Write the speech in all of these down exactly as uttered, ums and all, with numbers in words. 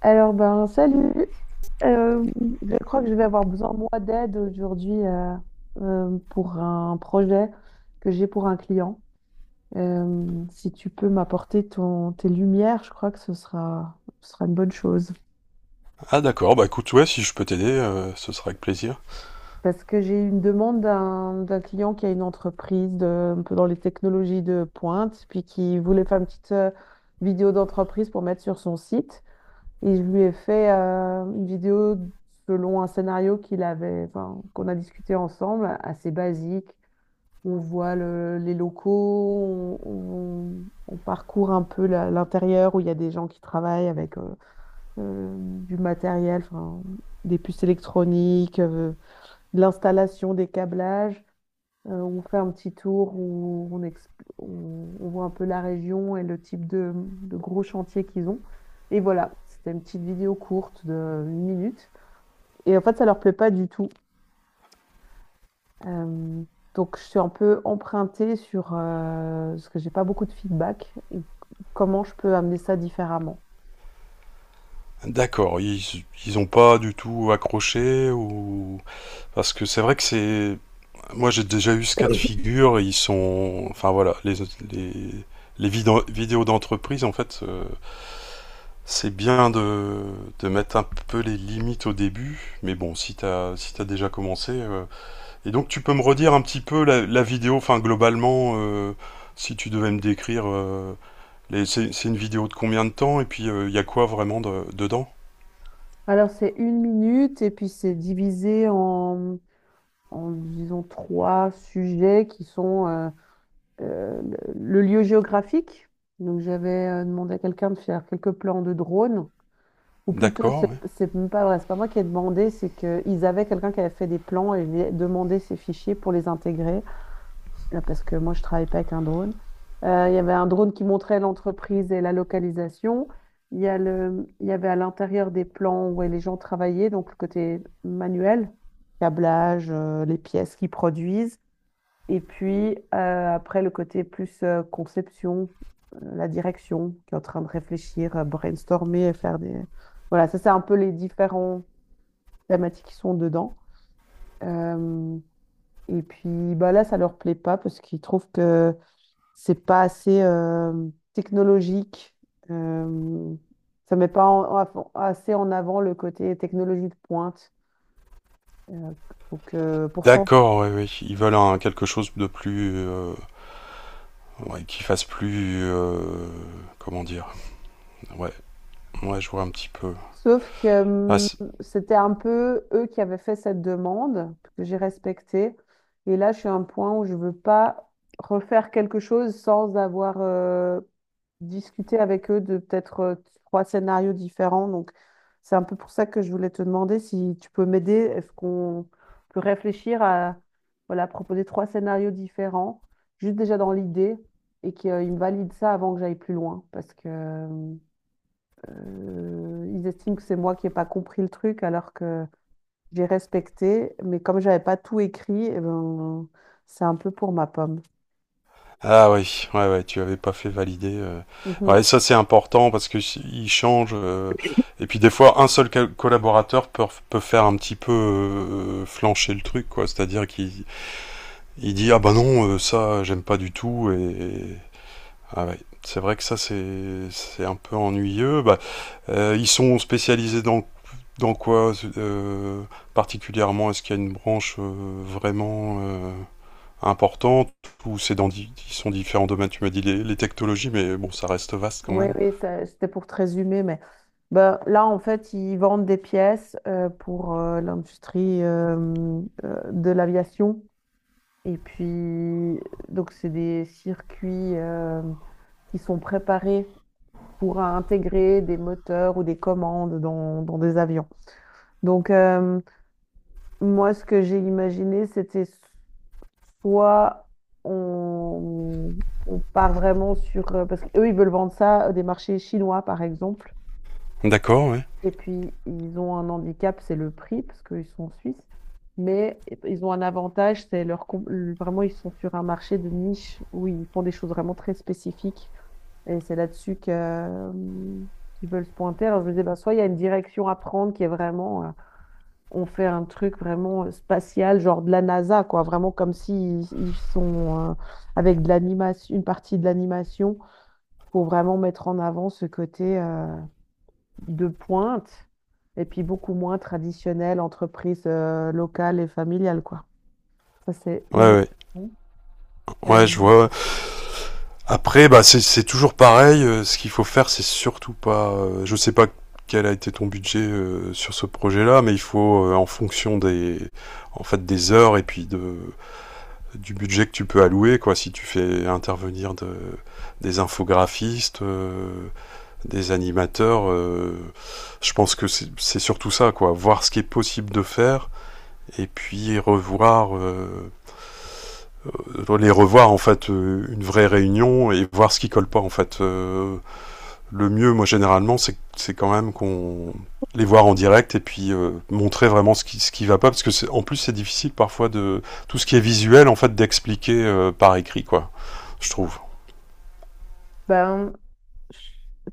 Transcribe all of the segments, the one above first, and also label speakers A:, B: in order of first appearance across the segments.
A: Alors, ben, salut. Euh, je crois que je vais avoir besoin, moi, d'aide aujourd'hui euh, euh, pour un projet que j'ai pour un client. Euh, si tu peux m'apporter ton, tes lumières, je crois que ce sera, ce sera une bonne chose.
B: Ah d'accord, bah écoute, ouais, si je peux t'aider, euh, ce sera avec plaisir.
A: Parce que j'ai une demande d'un d'un client qui a une entreprise de- un peu dans les technologies de pointe, puis qui voulait faire une petite euh, vidéo d'entreprise pour mettre sur son site. Et je lui ai fait euh, une vidéo selon un scénario qu'il avait, enfin, qu'on a discuté ensemble, assez basique. On voit le- les locaux, on, on- on parcourt un peu la- l'intérieur où il y a des gens qui travaillent avec euh, euh, du matériel, enfin, des puces électroniques, euh, de l'installation des câblages. Euh, on fait un petit tour où on, exp- on- on voit un peu la région et le type de, de gros chantiers qu'ils ont. Et voilà, c'était une petite vidéo courte de une minute. Et en fait, ça leur plaît pas du tout. Euh, donc, je suis un peu empruntée sur euh, parce que j'ai pas beaucoup de feedback et comment je peux amener ça différemment.
B: D'accord, ils, ils ont pas du tout accroché ou... Parce que c'est vrai que c'est... Moi j'ai déjà eu ce cas de figure, ils sont... Enfin voilà, les, les, les vidéos vidéos d'entreprise, en fait, euh, c'est bien de, de mettre un peu les limites au début, mais bon, si t'as si t'as déjà commencé... euh, Et donc tu peux me redire un petit peu la, la vidéo, enfin globalement, euh, si tu devais me décrire... euh, Les- C'est c'est une vidéo de combien de temps? Et puis, euh, il y a quoi vraiment de- dedans?
A: Alors, c'est une minute et puis c'est divisé en, en, disons, trois sujets qui sont euh, euh, le lieu géographique. Donc j'avais euh, demandé à quelqu'un de faire quelques plans de drone, ou plutôt c'est
B: D'accord, ouais.
A: c'est même pas vrai, c'est pas moi qui ai demandé, c'est qu'ils avaient quelqu'un qui avait fait des plans et demandé demandé ces fichiers pour les intégrer, là, parce que moi je travaille pas avec un drone. Euh, il y avait un drone qui montrait l'entreprise et la localisation. Il y a le, il y avait à l'intérieur des plans où les gens travaillaient, donc le côté manuel, câblage, euh, les pièces qu'ils produisent. Et puis, euh, après, le côté plus euh, conception, euh, la direction, qui est en train de réfléchir, euh, brainstormer, faire des… Voilà, ça, c'est un peu les différents thématiques qui sont dedans. Euh, et puis, bah, là, ça leur plaît pas parce qu'ils trouvent que c'est pas assez euh, technologique. Euh, ça met pas en- en- assez en avant le côté technologie de pointe. Euh, donc, euh, pourtant,
B: D'accord, oui, ouais. Ils veulent un, quelque chose de plus... euh, ouais, qui fasse plus... euh, comment dire? Ouais, ouais, je vois un petit peu.
A: Sauf que
B: Ah,
A: hum,
B: c'est-
A: c'était un peu eux qui avaient fait cette demande, que j'ai respectée. Et là, je suis à un point où je veux pas refaire quelque chose sans avoir euh, discuté avec eux de peut-être euh, trois scénarios différents. Donc, c'est un peu pour ça que je voulais te demander si tu peux m'aider. Est-ce qu'on peut réfléchir à voilà, proposer trois scénarios différents, juste déjà dans l'idée, et qu'ils valident ça avant que j'aille plus loin. Parce que hum, euh, ils estiment que c'est moi qui n'ai pas compris le truc alors que j'ai respecté, mais comme j'avais pas tout écrit, eh ben, c'est un peu pour ma pomme.
B: ah oui, ouais, ouais, tu avais pas fait valider, euh. Ouais,
A: Mhm.
B: ça c'est important parce que si- ils changent, euh, et puis des fois, un seul ca- collaborateur peut, peut faire un petit peu euh, flancher le truc, quoi. C'est-à-dire qu'il il dit ah bah non, euh, ça j'aime pas du tout et ah ouais, c'est vrai que ça c'est c'est un peu ennuyeux. Bah, euh, ils sont spécialisés dans dans quoi euh, particulièrement? Est-ce qu'il y a une branche euh, vraiment euh, importante ou c'est dans di- ils sont différents domaines? Tu m'as dit les, les technologies, mais bon, ça reste vaste quand
A: Oui,
B: même.
A: oui, ça- c'était pour te résumer, mais ben, là, en fait, ils vendent des pièces euh, pour euh, l'industrie euh, euh, de l'aviation. Et puis, donc, c'est des circuits euh, qui sont préparés pour intégrer des moteurs ou des commandes dans, dans des avions. Donc, euh, Moi, ce que j'ai imaginé, c'était soit on, on part vraiment sur… euh, Parce qu'eux, ils veulent vendre ça à des marchés chinois, par exemple.
B: D'accord, ouais.
A: Et puis, ils ont un handicap, c'est le prix, parce qu'ils sont suisses. Mais ils ont un avantage, c'est leur... com- Vraiment, ils sont sur un marché de niche où ils font des choses vraiment très spécifiques. Et c'est là-dessus que, euh, qu'ils veulent se pointer. Alors, je me disais, bah, soit il y a une direction à prendre qui est vraiment… euh, on fait un truc vraiment euh, spatial, genre de la NASA, quoi, vraiment comme si ils ils sont euh, avec de l'animation, une partie de l'animation pour vraiment mettre en avant ce côté euh, de pointe et puis beaucoup moins traditionnel, entreprise euh, locale et familiale, quoi. Ça, c'est
B: Ouais,
A: une
B: ouais,
A: option.
B: ouais,
A: Euh,
B: je vois, ouais. Après, bah, c'est- c'est toujours pareil, euh, ce qu'il faut faire, c'est surtout pas, euh, je sais pas quel a été ton budget euh, sur ce projet-là, mais il faut, euh, en fonction des, en fait, des heures et puis de, du budget que tu peux allouer, quoi. Si tu fais intervenir de, des infographistes, euh, des animateurs, euh, je pense que c'est c'est surtout ça, quoi. Voir ce qui est possible de faire et puis revoir euh, les revoir en fait euh, une vraie réunion et voir ce qui colle pas en fait euh, le mieux, moi généralement, c'est c'est quand même qu'on les voir en direct et puis euh, montrer vraiment ce qui ce qui va pas parce que en plus c'est difficile parfois de tout ce qui est visuel en fait d'expliquer euh, par écrit quoi je trouve
A: ben,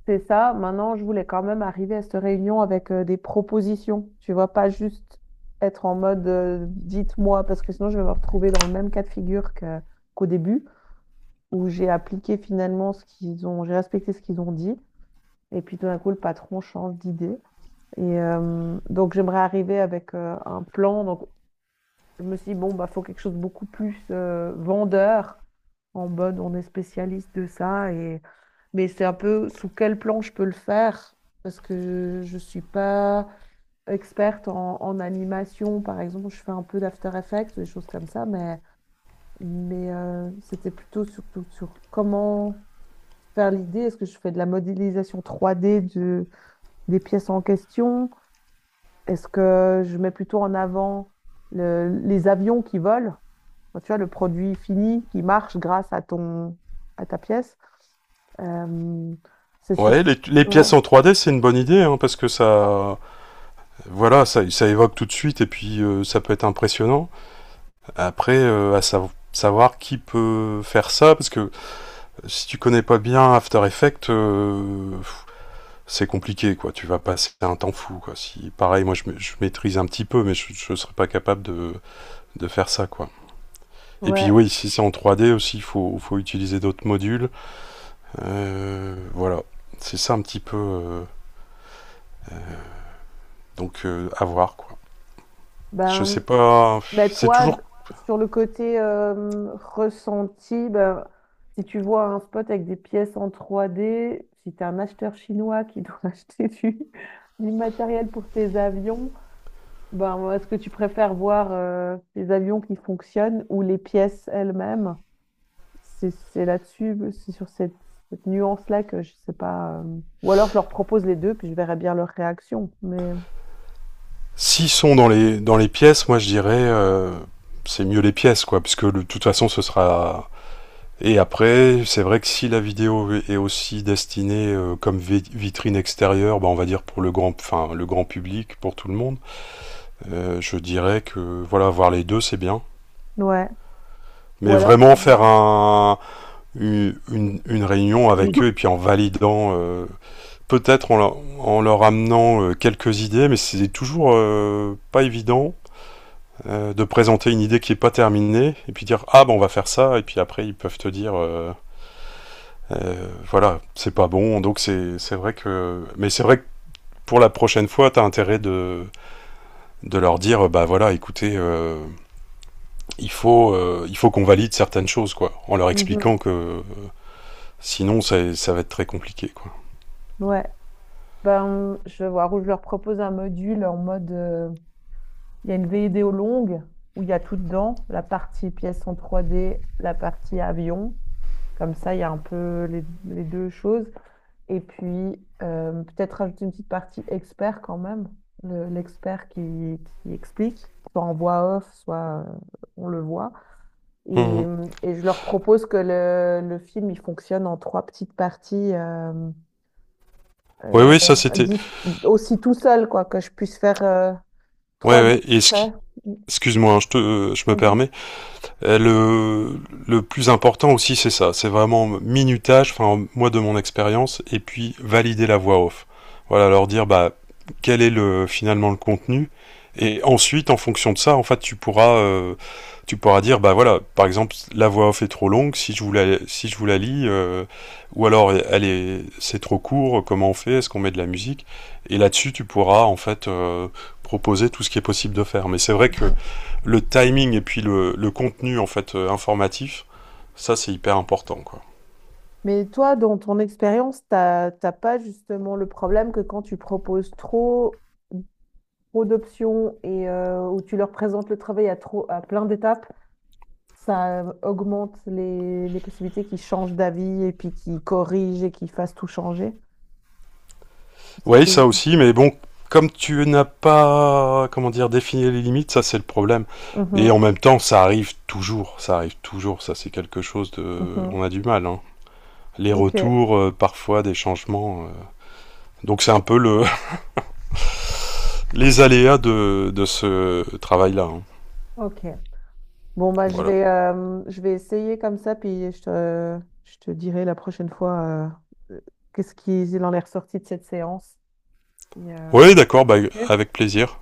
A: C'est ça. Maintenant, je voulais quand même arriver à cette réunion avec euh, des propositions. Tu vois, pas juste être en mode euh, dites-moi, parce que sinon je vais me retrouver dans le même cas de figure que- qu'au début, où j'ai appliqué finalement ce qu'ils ont, j'ai respecté ce qu'ils ont dit, et puis tout d'un coup, le patron change d'idée. Et euh, donc, j'aimerais arriver avec euh, un plan. Donc, je me suis dit, bon, bah, faut quelque chose de beaucoup plus euh, vendeur, en mode on est spécialiste de ça mais c'est un peu sous quel plan je peux le faire, parce que je ne suis pas experte en, en animation. Par exemple, je fais un peu d'After Effects, des choses comme ça, mais, mais euh, c'était plutôt surtout sur comment faire l'idée. Est-ce que je fais de la modélisation trois D de- des pièces en question? Est-ce que je mets plutôt en avant le- les avions qui volent? Enfin, tu vois, le produit fini qui marche grâce à ton, à ta pièce. Euh, c'est sur...
B: ouais les, les
A: Ouais.
B: pièces en trois D c'est une bonne idée hein, parce que ça voilà ça ça évoque tout de suite et puis euh, ça peut être impressionnant après euh, à sa- savoir qui peut faire ça parce que si tu connais pas bien After Effects euh, c'est compliqué, quoi. Tu vas passer un temps fou, quoi. Si, pareil, moi, je, ma- je maîtrise un petit peu, mais je, je serais pas capable de, de faire ça, quoi. Et puis,
A: Ouais,
B: oui, si c'est en trois D aussi, il faut, faut utiliser d'autres modules. Euh, voilà. C'est ça un petit peu, euh, donc, euh, à voir, quoi. Je sais
A: ben,
B: pas.
A: ben
B: C'est
A: toi,
B: toujours.
A: d- Sur le côté euh, ressenti, ben, si tu vois un spot avec des pièces en trois d si tu es un acheteur chinois qui doit acheter du, du matériel pour tes avions, Ben, moi, est-ce que tu préfères voir euh, les avions qui fonctionnent ou les pièces elles-mêmes? C'est c'est là-dessus, c'est sur cette, cette nuance-là que je sais pas. Euh, ou alors je leur propose les deux, puis je verrai bien leur réaction. Mais
B: S'ils sont dans les, dans les pièces, moi, je dirais, euh, c'est mieux les pièces, quoi. Puisque de toute façon, ce sera et après, c'est vrai que si la vidéo est aussi destinée euh, comme vi- vitrine extérieure, bah, on va dire pour le grand, enfin, le grand public, pour tout le monde, euh, je dirais que voilà, voir les deux, c'est bien.
A: ouais. Ou
B: Mais
A: alors
B: vraiment
A: je…
B: faire un, une, une- une réunion avec eux
A: Oui.
B: et puis en validant, euh, peut-être en, leur- en leur amenant euh, quelques idées, mais c'est toujours euh, pas évident euh, de présenter une idée qui est pas terminée et puis dire ah ben on va faire ça et puis après ils peuvent te dire euh, Euh, voilà, c'est pas bon. Donc c'est vrai que. Mais c'est vrai que pour la prochaine fois, t'as intérêt de, de leur dire bah voilà, écoutez, euh, il faut, euh, il faut qu'on valide certaines choses, quoi. En leur
A: Mhm.
B: expliquant que euh, sinon, ça, ça va être très compliqué, quoi.
A: Ouais. Ben, je vais voir où je leur propose un module en mode. euh, Il y a une vidéo longue où il y a tout dedans, la partie pièce en trois d la partie avion. Comme ça, il y a un peu les, les deux choses. Et puis, euh, peut-être rajouter une petite partie expert quand même, le- l'expert qui, qui explique, soit en voix off, soit euh, on le voit. Et,
B: Mmh.
A: hum, et je leur propose que le, le film, il fonctionne en trois petites parties, euh,
B: Ouais,
A: euh,
B: ouais, ça c'était.
A: dis- aussi tout seul, quoi, que je puisse faire euh,
B: Ouais,
A: trois
B: ouais, et ce qui.
A: extraits.
B: Excuse-moi, hein, je, te, je me
A: Vas-y.
B: permets. Euh, Le, le plus important aussi, c'est ça. C'est vraiment minutage, enfin, moi de mon expérience, et puis valider la voix off. Voilà, leur dire, bah, quel est le, finalement le contenu. Et ensuite, en fonction de ça, en fait, tu pourras, euh, tu pourras dire, bah voilà, par exemple, la voix off est trop longue, si je vous la, si je vous la lis, euh, ou alors elle est, c'est trop court, comment on fait, est-ce qu'on met de la musique et là-dessus, tu pourras en fait euh, proposer tout ce qui est possible de faire. Mais c'est vrai que
A: Mhm.
B: le timing et puis le, le contenu en fait euh, informatif, ça c'est hyper important quoi.
A: Mais toi, dans ton expérience, t'as t'as pas justement le problème que quand tu proposes trop trop d'options et euh, où tu leur présentes le travail à, trop, à plein d'étapes, ça euh, augmente les, les possibilités qu'ils changent d'avis et puis qu'ils corrigent et qu'ils fassent tout changer. Parce
B: Oui, ça
A: que…
B: aussi, mais bon, comme tu n'as pas comment dire défini les limites, ça c'est le problème. Et
A: Mhm,
B: en même temps, ça arrive toujours, ça arrive toujours, ça c'est quelque chose de,
A: mhm.
B: on a du mal, hein. Les
A: Ok,
B: retours, euh, parfois des changements, euh. Donc c'est un peu le les aléas de, de ce travail-là, hein.
A: ok. Bon, bah, je
B: Voilà.
A: vais, euh, je vais essayer comme ça, puis je te, je te dirai la prochaine fois euh, qu'est-ce qu'il en est ressorti de cette séance. Et, euh,
B: Oui,
A: voilà.
B: d'accord, bah, avec plaisir.